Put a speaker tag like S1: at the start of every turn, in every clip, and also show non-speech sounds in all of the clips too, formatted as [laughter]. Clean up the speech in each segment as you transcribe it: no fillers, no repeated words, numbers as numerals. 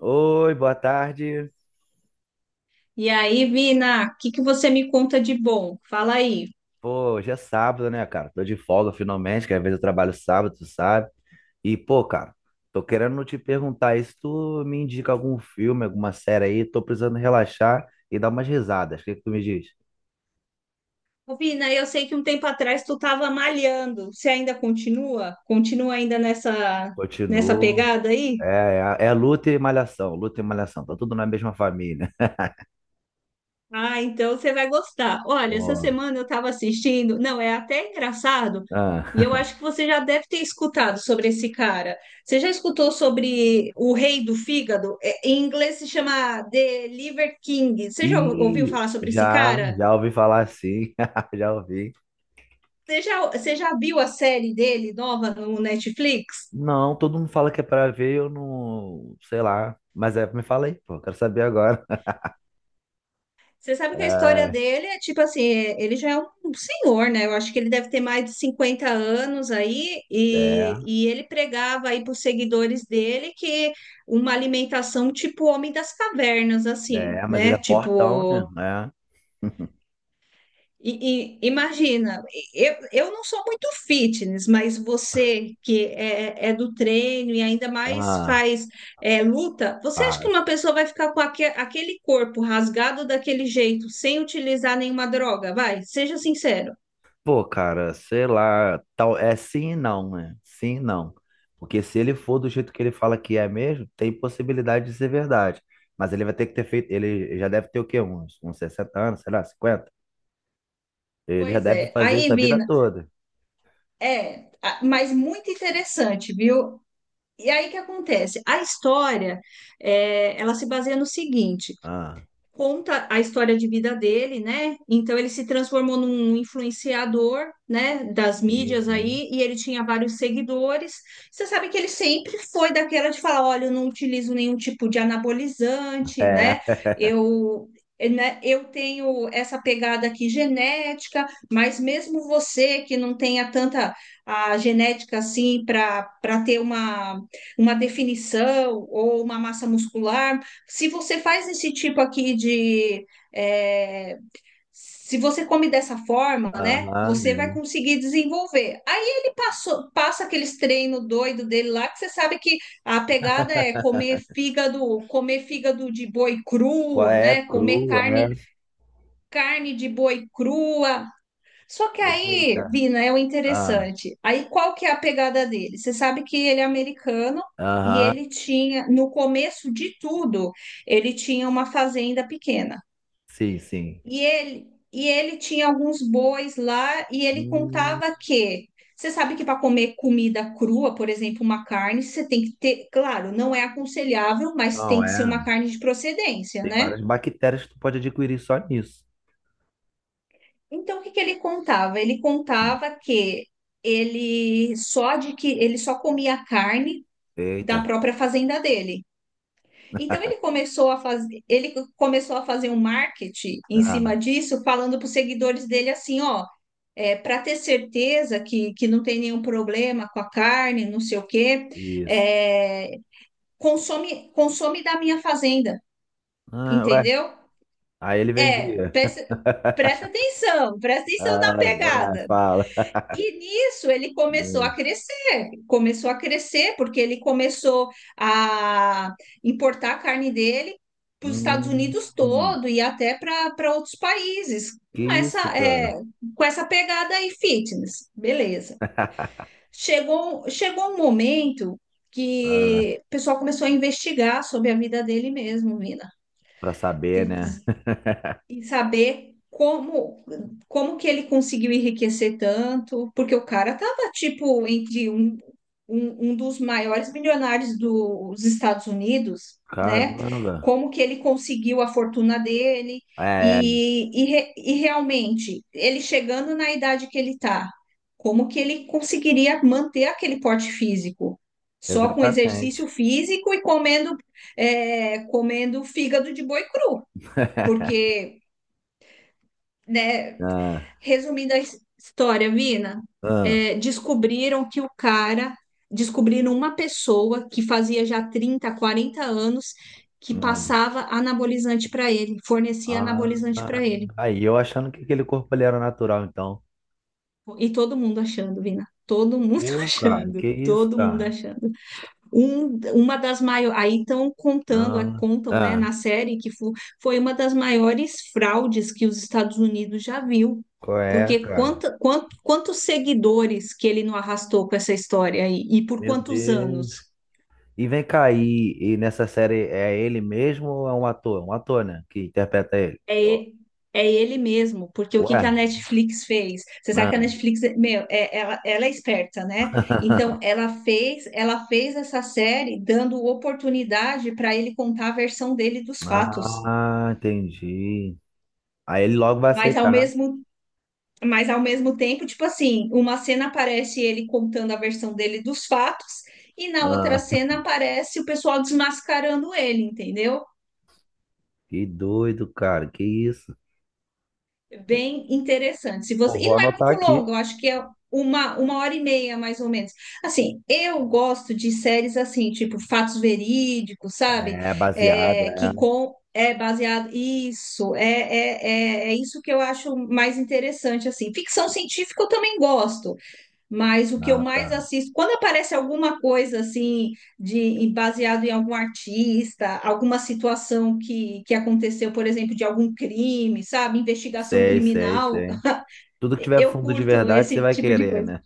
S1: Oi, boa tarde.
S2: E aí, Vina, o que que você me conta de bom? Fala aí.
S1: Pô, hoje é sábado, né, cara? Tô de folga finalmente, que às vezes eu trabalho sábado, tu sabe? E, pô, cara, tô querendo te perguntar aí se tu me indica algum filme, alguma série aí, tô precisando relaxar e dar umas risadas. O que que tu me diz?
S2: Ô, Vina, eu sei que um tempo atrás tu estava malhando. Você ainda continua? Continua ainda nessa
S1: Continuo.
S2: pegada aí?
S1: É, é luta e malhação, luta e malhação. Tá tudo na mesma família.
S2: Ah, então você vai gostar.
S1: [laughs]
S2: Olha, essa
S1: Pô,
S2: semana eu estava assistindo. Não, é até engraçado.
S1: ah.
S2: E eu
S1: [laughs]
S2: acho que você já deve ter escutado sobre esse cara. Você já escutou sobre o rei do fígado? É, em inglês se chama The Liver King. Você já ouviu
S1: E
S2: falar sobre esse
S1: já,
S2: cara?
S1: já ouvi falar assim, [laughs] já ouvi.
S2: Você já viu a série dele nova no Netflix?
S1: Não, todo mundo fala que é pra ver, eu não, sei lá. Mas é, me fala aí, pô, eu quero saber agora. [laughs]
S2: Você sabe que a história
S1: É,
S2: dele é tipo assim, ele já é um senhor, né? Eu acho que ele deve ter mais de 50 anos aí, e ele pregava aí para os seguidores dele que uma alimentação tipo homem das cavernas,
S1: é,
S2: assim,
S1: é, mas ele
S2: né?
S1: é fortão,
S2: Tipo,
S1: né? É. [laughs]
S2: Imagina, eu não sou muito fitness, mas você que é, do treino e ainda mais
S1: Ah,
S2: faz luta. Você acha que
S1: ah,
S2: uma pessoa vai ficar com aquele corpo rasgado daquele jeito, sem utilizar nenhuma droga? Vai, seja sincero.
S1: pô, cara, sei lá, tal, é sim e não, né? Sim e não. Porque se ele for do jeito que ele fala que é mesmo, tem possibilidade de ser verdade. Mas ele vai ter que ter feito, ele já deve ter o quê? Uns 60 anos, sei lá, 50? Ele já
S2: Pois
S1: deve
S2: é,
S1: fazer isso
S2: aí,
S1: a vida
S2: Vina,
S1: toda.
S2: mas muito interessante, viu? E aí o que acontece? A história, ela se baseia no seguinte.
S1: Ah,
S2: Conta a história de vida dele, né? Então ele se transformou num influenciador, né, das
S1: sim,
S2: mídias
S1: sim.
S2: aí, e ele tinha vários seguidores. Você sabe que ele sempre foi daquela de falar, olha, eu não utilizo nenhum tipo de anabolizante,
S1: É.
S2: né?
S1: [laughs]
S2: Eu né? Eu tenho essa pegada aqui genética, mas mesmo você que não tenha tanta a genética assim para ter uma definição ou uma massa muscular, se você faz esse tipo aqui de. é, Se você come dessa forma, né?
S1: Aham,
S2: Você vai
S1: é.
S2: conseguir desenvolver. Aí ele passou, passa aqueles treinos doido dele lá, que você sabe que a pegada é
S1: [laughs]
S2: comer fígado de boi
S1: Qual
S2: cru,
S1: é?
S2: né? Comer
S1: Cru, é.
S2: carne, carne de boi crua. Só que aí,
S1: Eita.
S2: Vina, é o
S1: Ah,
S2: interessante. Aí qual que é a pegada dele? Você sabe que ele é americano e
S1: aham,
S2: ele tinha, no começo de tudo, ele tinha uma fazenda pequena.
S1: sim, sim.
S2: E ele, e ele tinha alguns bois lá e ele
S1: Hum,
S2: contava que você sabe que para comer comida crua, por exemplo, uma carne, você tem que ter, claro, não é aconselhável, mas
S1: não,
S2: tem que ser
S1: é.
S2: uma carne de procedência,
S1: Tem
S2: né?
S1: várias bactérias que tu pode adquirir só nisso.
S2: Então, o que que ele contava? Ele
S1: Hum.
S2: contava que ele só comia carne
S1: Eita.
S2: da própria fazenda dele. Então ele começou a fazer um marketing em
S1: Ah,
S2: cima disso, falando para os seguidores dele assim, ó, para ter certeza que não tem nenhum problema com a carne, não sei o quê,
S1: isso.
S2: é, consome da minha fazenda,
S1: Ah, ué.
S2: entendeu?
S1: Aí ele
S2: É,
S1: vendia.
S2: presta,
S1: [laughs]
S2: presta atenção na
S1: Ah, vai,
S2: pegada.
S1: fala.
S2: E nisso ele
S1: Hum,
S2: começou a crescer, porque ele começou a importar a carne dele para os Estados Unidos
S1: hum,
S2: todo e até para outros países,
S1: que
S2: com
S1: isso,
S2: essa, é,
S1: cara?
S2: com essa pegada aí fitness, beleza.
S1: [laughs]
S2: Chegou um momento
S1: Ah,
S2: que o pessoal começou a investigar sobre a vida dele mesmo, Mina,
S1: pra saber, né? [laughs]
S2: e saber como que ele conseguiu enriquecer tanto, porque o cara tava tipo entre um dos maiores milionários dos Estados Unidos, né?
S1: Caramba.
S2: Como que ele conseguiu a fortuna dele
S1: É, é,
S2: e realmente ele chegando na idade que ele tá, como que ele conseguiria manter aquele porte físico? Só com
S1: exatamente.
S2: exercício físico e comendo fígado de boi cru,
S1: [laughs]
S2: porque né?
S1: Ah.
S2: Resumindo a história, Vina,
S1: Ah,
S2: é, descobriram que o cara, descobriram uma pessoa que fazia já 30, 40 anos que
S1: ah,
S2: passava anabolizante para ele, fornecia anabolizante
S1: ah.
S2: para ele.
S1: Aí eu achando que aquele corpo ali era natural, então.
S2: E todo mundo achando, Vina, todo mundo [laughs]
S1: Pô, cara,
S2: achando,
S1: que isso,
S2: todo mundo
S1: cara?
S2: achando. Uma das maiores, aí estão contando,
S1: Ah,
S2: contam, né,
S1: ah,
S2: na série que foi uma das maiores fraudes que os Estados Unidos já viu,
S1: qual é,
S2: porque
S1: cara?
S2: quantos seguidores que ele não arrastou com essa história aí, e por
S1: Meu
S2: quantos
S1: Deus.
S2: anos?
S1: E vem cá, e nessa série é ele mesmo ou é um ator? Um ator, né? Que interpreta ele.
S2: É,
S1: Ó,
S2: e- É ele mesmo, porque o que
S1: ué?
S2: que a Netflix fez? Você sabe que a
S1: Ah,
S2: Netflix, ela é esperta, né? Então, ela fez essa série dando oportunidade para ele contar a versão dele dos fatos.
S1: ah, entendi. Aí ele logo vai
S2: Mas ao
S1: aceitar.
S2: mesmo Mas ao mesmo tempo, tipo assim, uma cena aparece ele contando a versão dele dos fatos, e na
S1: Ah,
S2: outra cena aparece o pessoal desmascarando ele, entendeu?
S1: que doido, cara, que isso?
S2: É bem interessante. Se
S1: Pô,
S2: você... E
S1: vou
S2: não é
S1: anotar
S2: muito longo,
S1: aqui.
S2: eu acho que é uma hora e meia, mais ou menos. Assim, eu gosto de séries assim, tipo fatos verídicos, sabe?
S1: É, baseado,
S2: É,
S1: é.
S2: que com é baseado. Isso, é isso que eu acho mais interessante, assim. Ficção científica eu também gosto. Mas o que eu
S1: Ah,
S2: mais
S1: tá.
S2: assisto, quando aparece alguma coisa assim de baseado em algum artista, alguma situação que aconteceu, por exemplo, de algum crime, sabe, investigação
S1: Sei, sei,
S2: criminal,
S1: sei. Tudo que tiver
S2: eu
S1: fundo de
S2: curto
S1: verdade, você
S2: esse
S1: vai
S2: tipo de
S1: querer,
S2: coisa.
S1: né?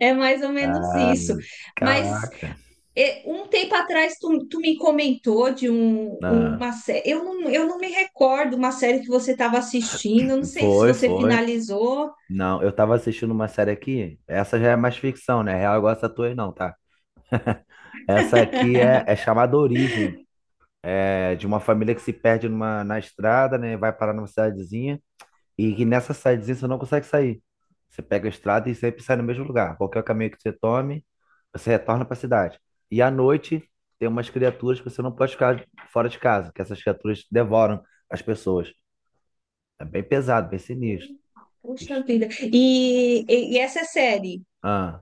S2: É mais ou menos
S1: Ah,
S2: isso. Mas
S1: caraca.
S2: um tempo atrás tu me comentou de um, um,
S1: Ah,
S2: uma série. Eu não me recordo uma série que você estava assistindo. Eu não sei se
S1: foi,
S2: você
S1: foi.
S2: finalizou.
S1: Não, eu tava assistindo uma série aqui. Essa já é mais ficção, né? É real, igual essa tua aí não, tá? Essa aqui é chamada Origem. É de uma família que se perde numa, na estrada, né? Vai parar numa cidadezinha. E que nessa cidadezinha você não consegue sair. Você pega a estrada e sempre sai no mesmo lugar. Qualquer caminho que você tome, você retorna para a cidade. E à noite tem umas criaturas que você não pode ficar fora de casa, que essas criaturas devoram as pessoas. É bem pesado, bem sinistro.
S2: Puxa
S1: Ixi,
S2: vida. E essa é série.
S1: ah,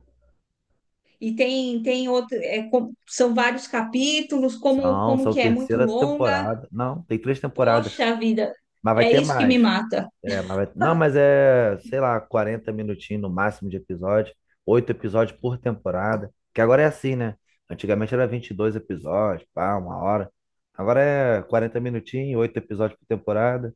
S2: E tem outro, são vários capítulos, como,
S1: são,
S2: como
S1: são
S2: que é? É muito
S1: terceira
S2: longa.
S1: temporada. Não, tem 3 temporadas.
S2: Poxa vida,
S1: Mas vai
S2: é
S1: ter
S2: isso que me
S1: mais.
S2: mata.
S1: É, mas não, mas é, sei lá, 40 minutinhos no máximo de episódio, 8 episódios por temporada, que agora é assim, né? Antigamente era 22 episódios, pá, uma hora. Agora é 40 minutinhos, 8 episódios por temporada,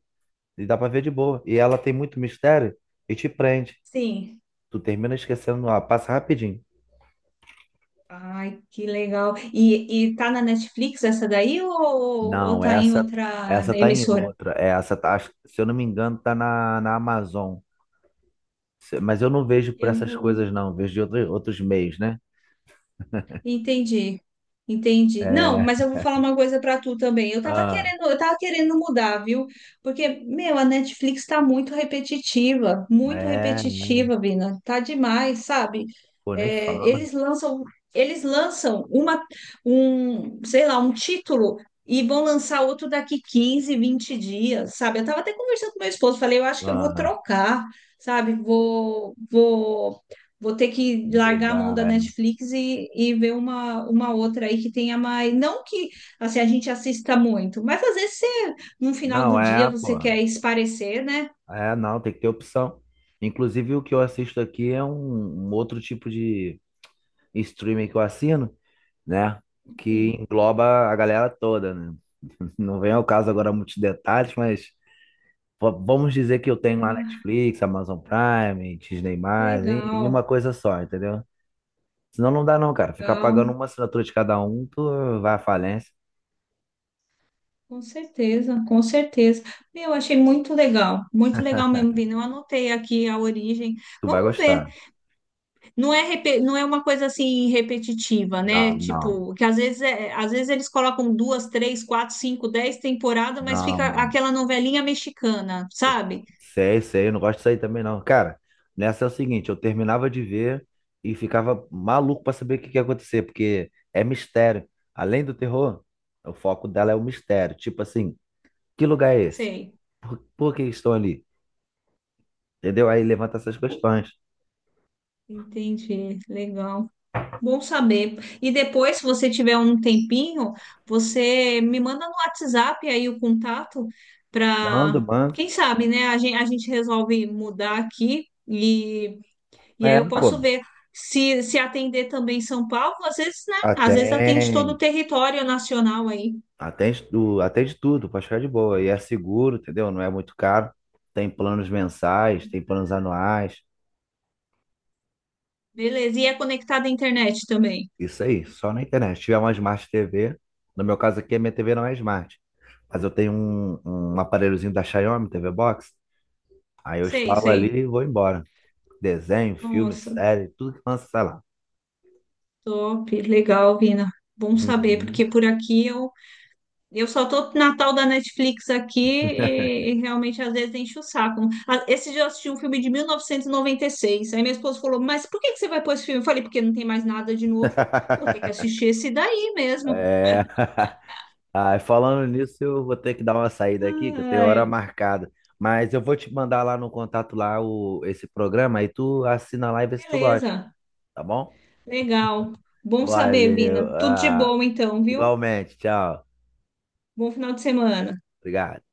S1: e dá pra ver de boa. E ela tem muito mistério e te prende.
S2: Sim.
S1: Tu termina esquecendo, ó, passa rapidinho.
S2: Ai, que legal. E tá na Netflix essa daí ou
S1: Não,
S2: tá em
S1: essa
S2: outra
S1: essa tá em
S2: emissora?
S1: outra. É, essa tá, se eu não me engano, tá na Amazon. Mas eu não vejo por
S2: Eu
S1: essas
S2: vou.
S1: coisas, não. Vejo de outros meios, né?
S2: Entendi, entendi. Não,
S1: É.
S2: mas eu vou falar uma coisa pra tu também. Eu tava
S1: ah,
S2: querendo, eu tava querendo mudar, viu? Porque, meu, a Netflix tá muito
S1: É, né?
S2: repetitiva, Vina. Tá demais, sabe?
S1: Pô, nem
S2: É,
S1: fala.
S2: eles lançam, eles lançam uma, sei lá, um título e vão lançar outro daqui 15, 20 dias, sabe? Eu tava até conversando com meu esposo, falei, eu acho que eu vou
S1: Ah,
S2: trocar, sabe? Vou ter que largar a mão
S1: mudar,
S2: da
S1: é.
S2: Netflix e ver uma outra aí que tenha mais. Não que assim, a gente assista muito, mas às vezes no final
S1: Não,
S2: do dia
S1: é,
S2: você
S1: pô.
S2: quer esparecer, né?
S1: É, não, tem que ter opção. Inclusive, o que eu assisto aqui é um outro tipo de streaming que eu assino, né? Que
S2: Enfim.
S1: engloba a galera toda, né? [laughs] Não vem ao caso agora muitos detalhes, mas vamos dizer que eu tenho lá
S2: Ah,
S1: Netflix, Amazon Prime, Disney+, em
S2: legal,
S1: uma coisa só, entendeu? Senão não dá não, cara. Ficar
S2: legal.
S1: pagando uma assinatura de cada um, tu vai à falência,
S2: Com certeza, com certeza. Meu, achei muito legal mesmo, Vini. Eu anotei aqui a origem.
S1: tu vai
S2: Vamos ver.
S1: gostar.
S2: Não é uma coisa assim repetitiva,
S1: Não,
S2: né?
S1: não.
S2: Tipo, que às vezes, às vezes eles colocam duas, três, quatro, cinco, dez temporadas, mas
S1: Não,
S2: fica
S1: não.
S2: aquela novelinha mexicana, sabe?
S1: Sei, sei, eu não gosto disso aí também, não. Cara, nessa é o seguinte, eu terminava de ver e ficava maluco pra saber o que que ia acontecer, porque é mistério. Além do terror, o foco dela é o mistério. Tipo assim, que lugar é esse?
S2: Sei.
S1: Por que estão ali? Entendeu? Aí levanta essas questões.
S2: Entendi. Legal. Bom saber. E depois, se você tiver um tempinho, você me manda no WhatsApp aí o contato
S1: Manda,
S2: para,
S1: manda.
S2: quem sabe, né? A gente resolve mudar aqui. E aí
S1: É,
S2: eu
S1: pô.
S2: posso ver se atender também São Paulo, às vezes, né? Às vezes atende todo o
S1: Atende.
S2: território nacional aí.
S1: Atende, atende tudo, pode ficar de boa. E é seguro, entendeu? Não é muito caro. Tem planos mensais, tem planos anuais.
S2: Beleza. E é conectado à internet também.
S1: Isso aí, só na internet. Se tiver uma Smart TV, no meu caso aqui, a minha TV não é Smart, mas eu tenho um aparelhozinho da Xiaomi, TV Box, aí eu
S2: Sei,
S1: instalo ali
S2: sei.
S1: e vou embora. Desenho, filme,
S2: Nossa,
S1: série, tudo que lança, sei lá.
S2: top. Legal, Vina. Bom saber, porque
S1: Uhum.
S2: por aqui eu, só tô na tal da Netflix aqui e realmente às vezes enche o saco. Ah, esse dia eu assisti um filme de 1996. Aí minha esposa falou: Mas por que que você vai pôr esse filme? Eu falei: Porque não tem mais nada de novo. Vou ter que
S1: [laughs]
S2: assistir esse daí mesmo.
S1: É. [laughs] Ah, falando nisso, eu vou ter que dar uma saída aqui, que eu tenho hora
S2: Ai,
S1: marcada. Mas eu vou te mandar lá no contato lá o, esse programa, aí tu assina lá e vê se tu gosta,
S2: beleza.
S1: tá bom?
S2: Legal. Bom saber,
S1: Valeu.
S2: Vina. Tudo de
S1: Ah,
S2: bom então, viu?
S1: igualmente, tchau.
S2: Bom final de semana.
S1: Obrigado.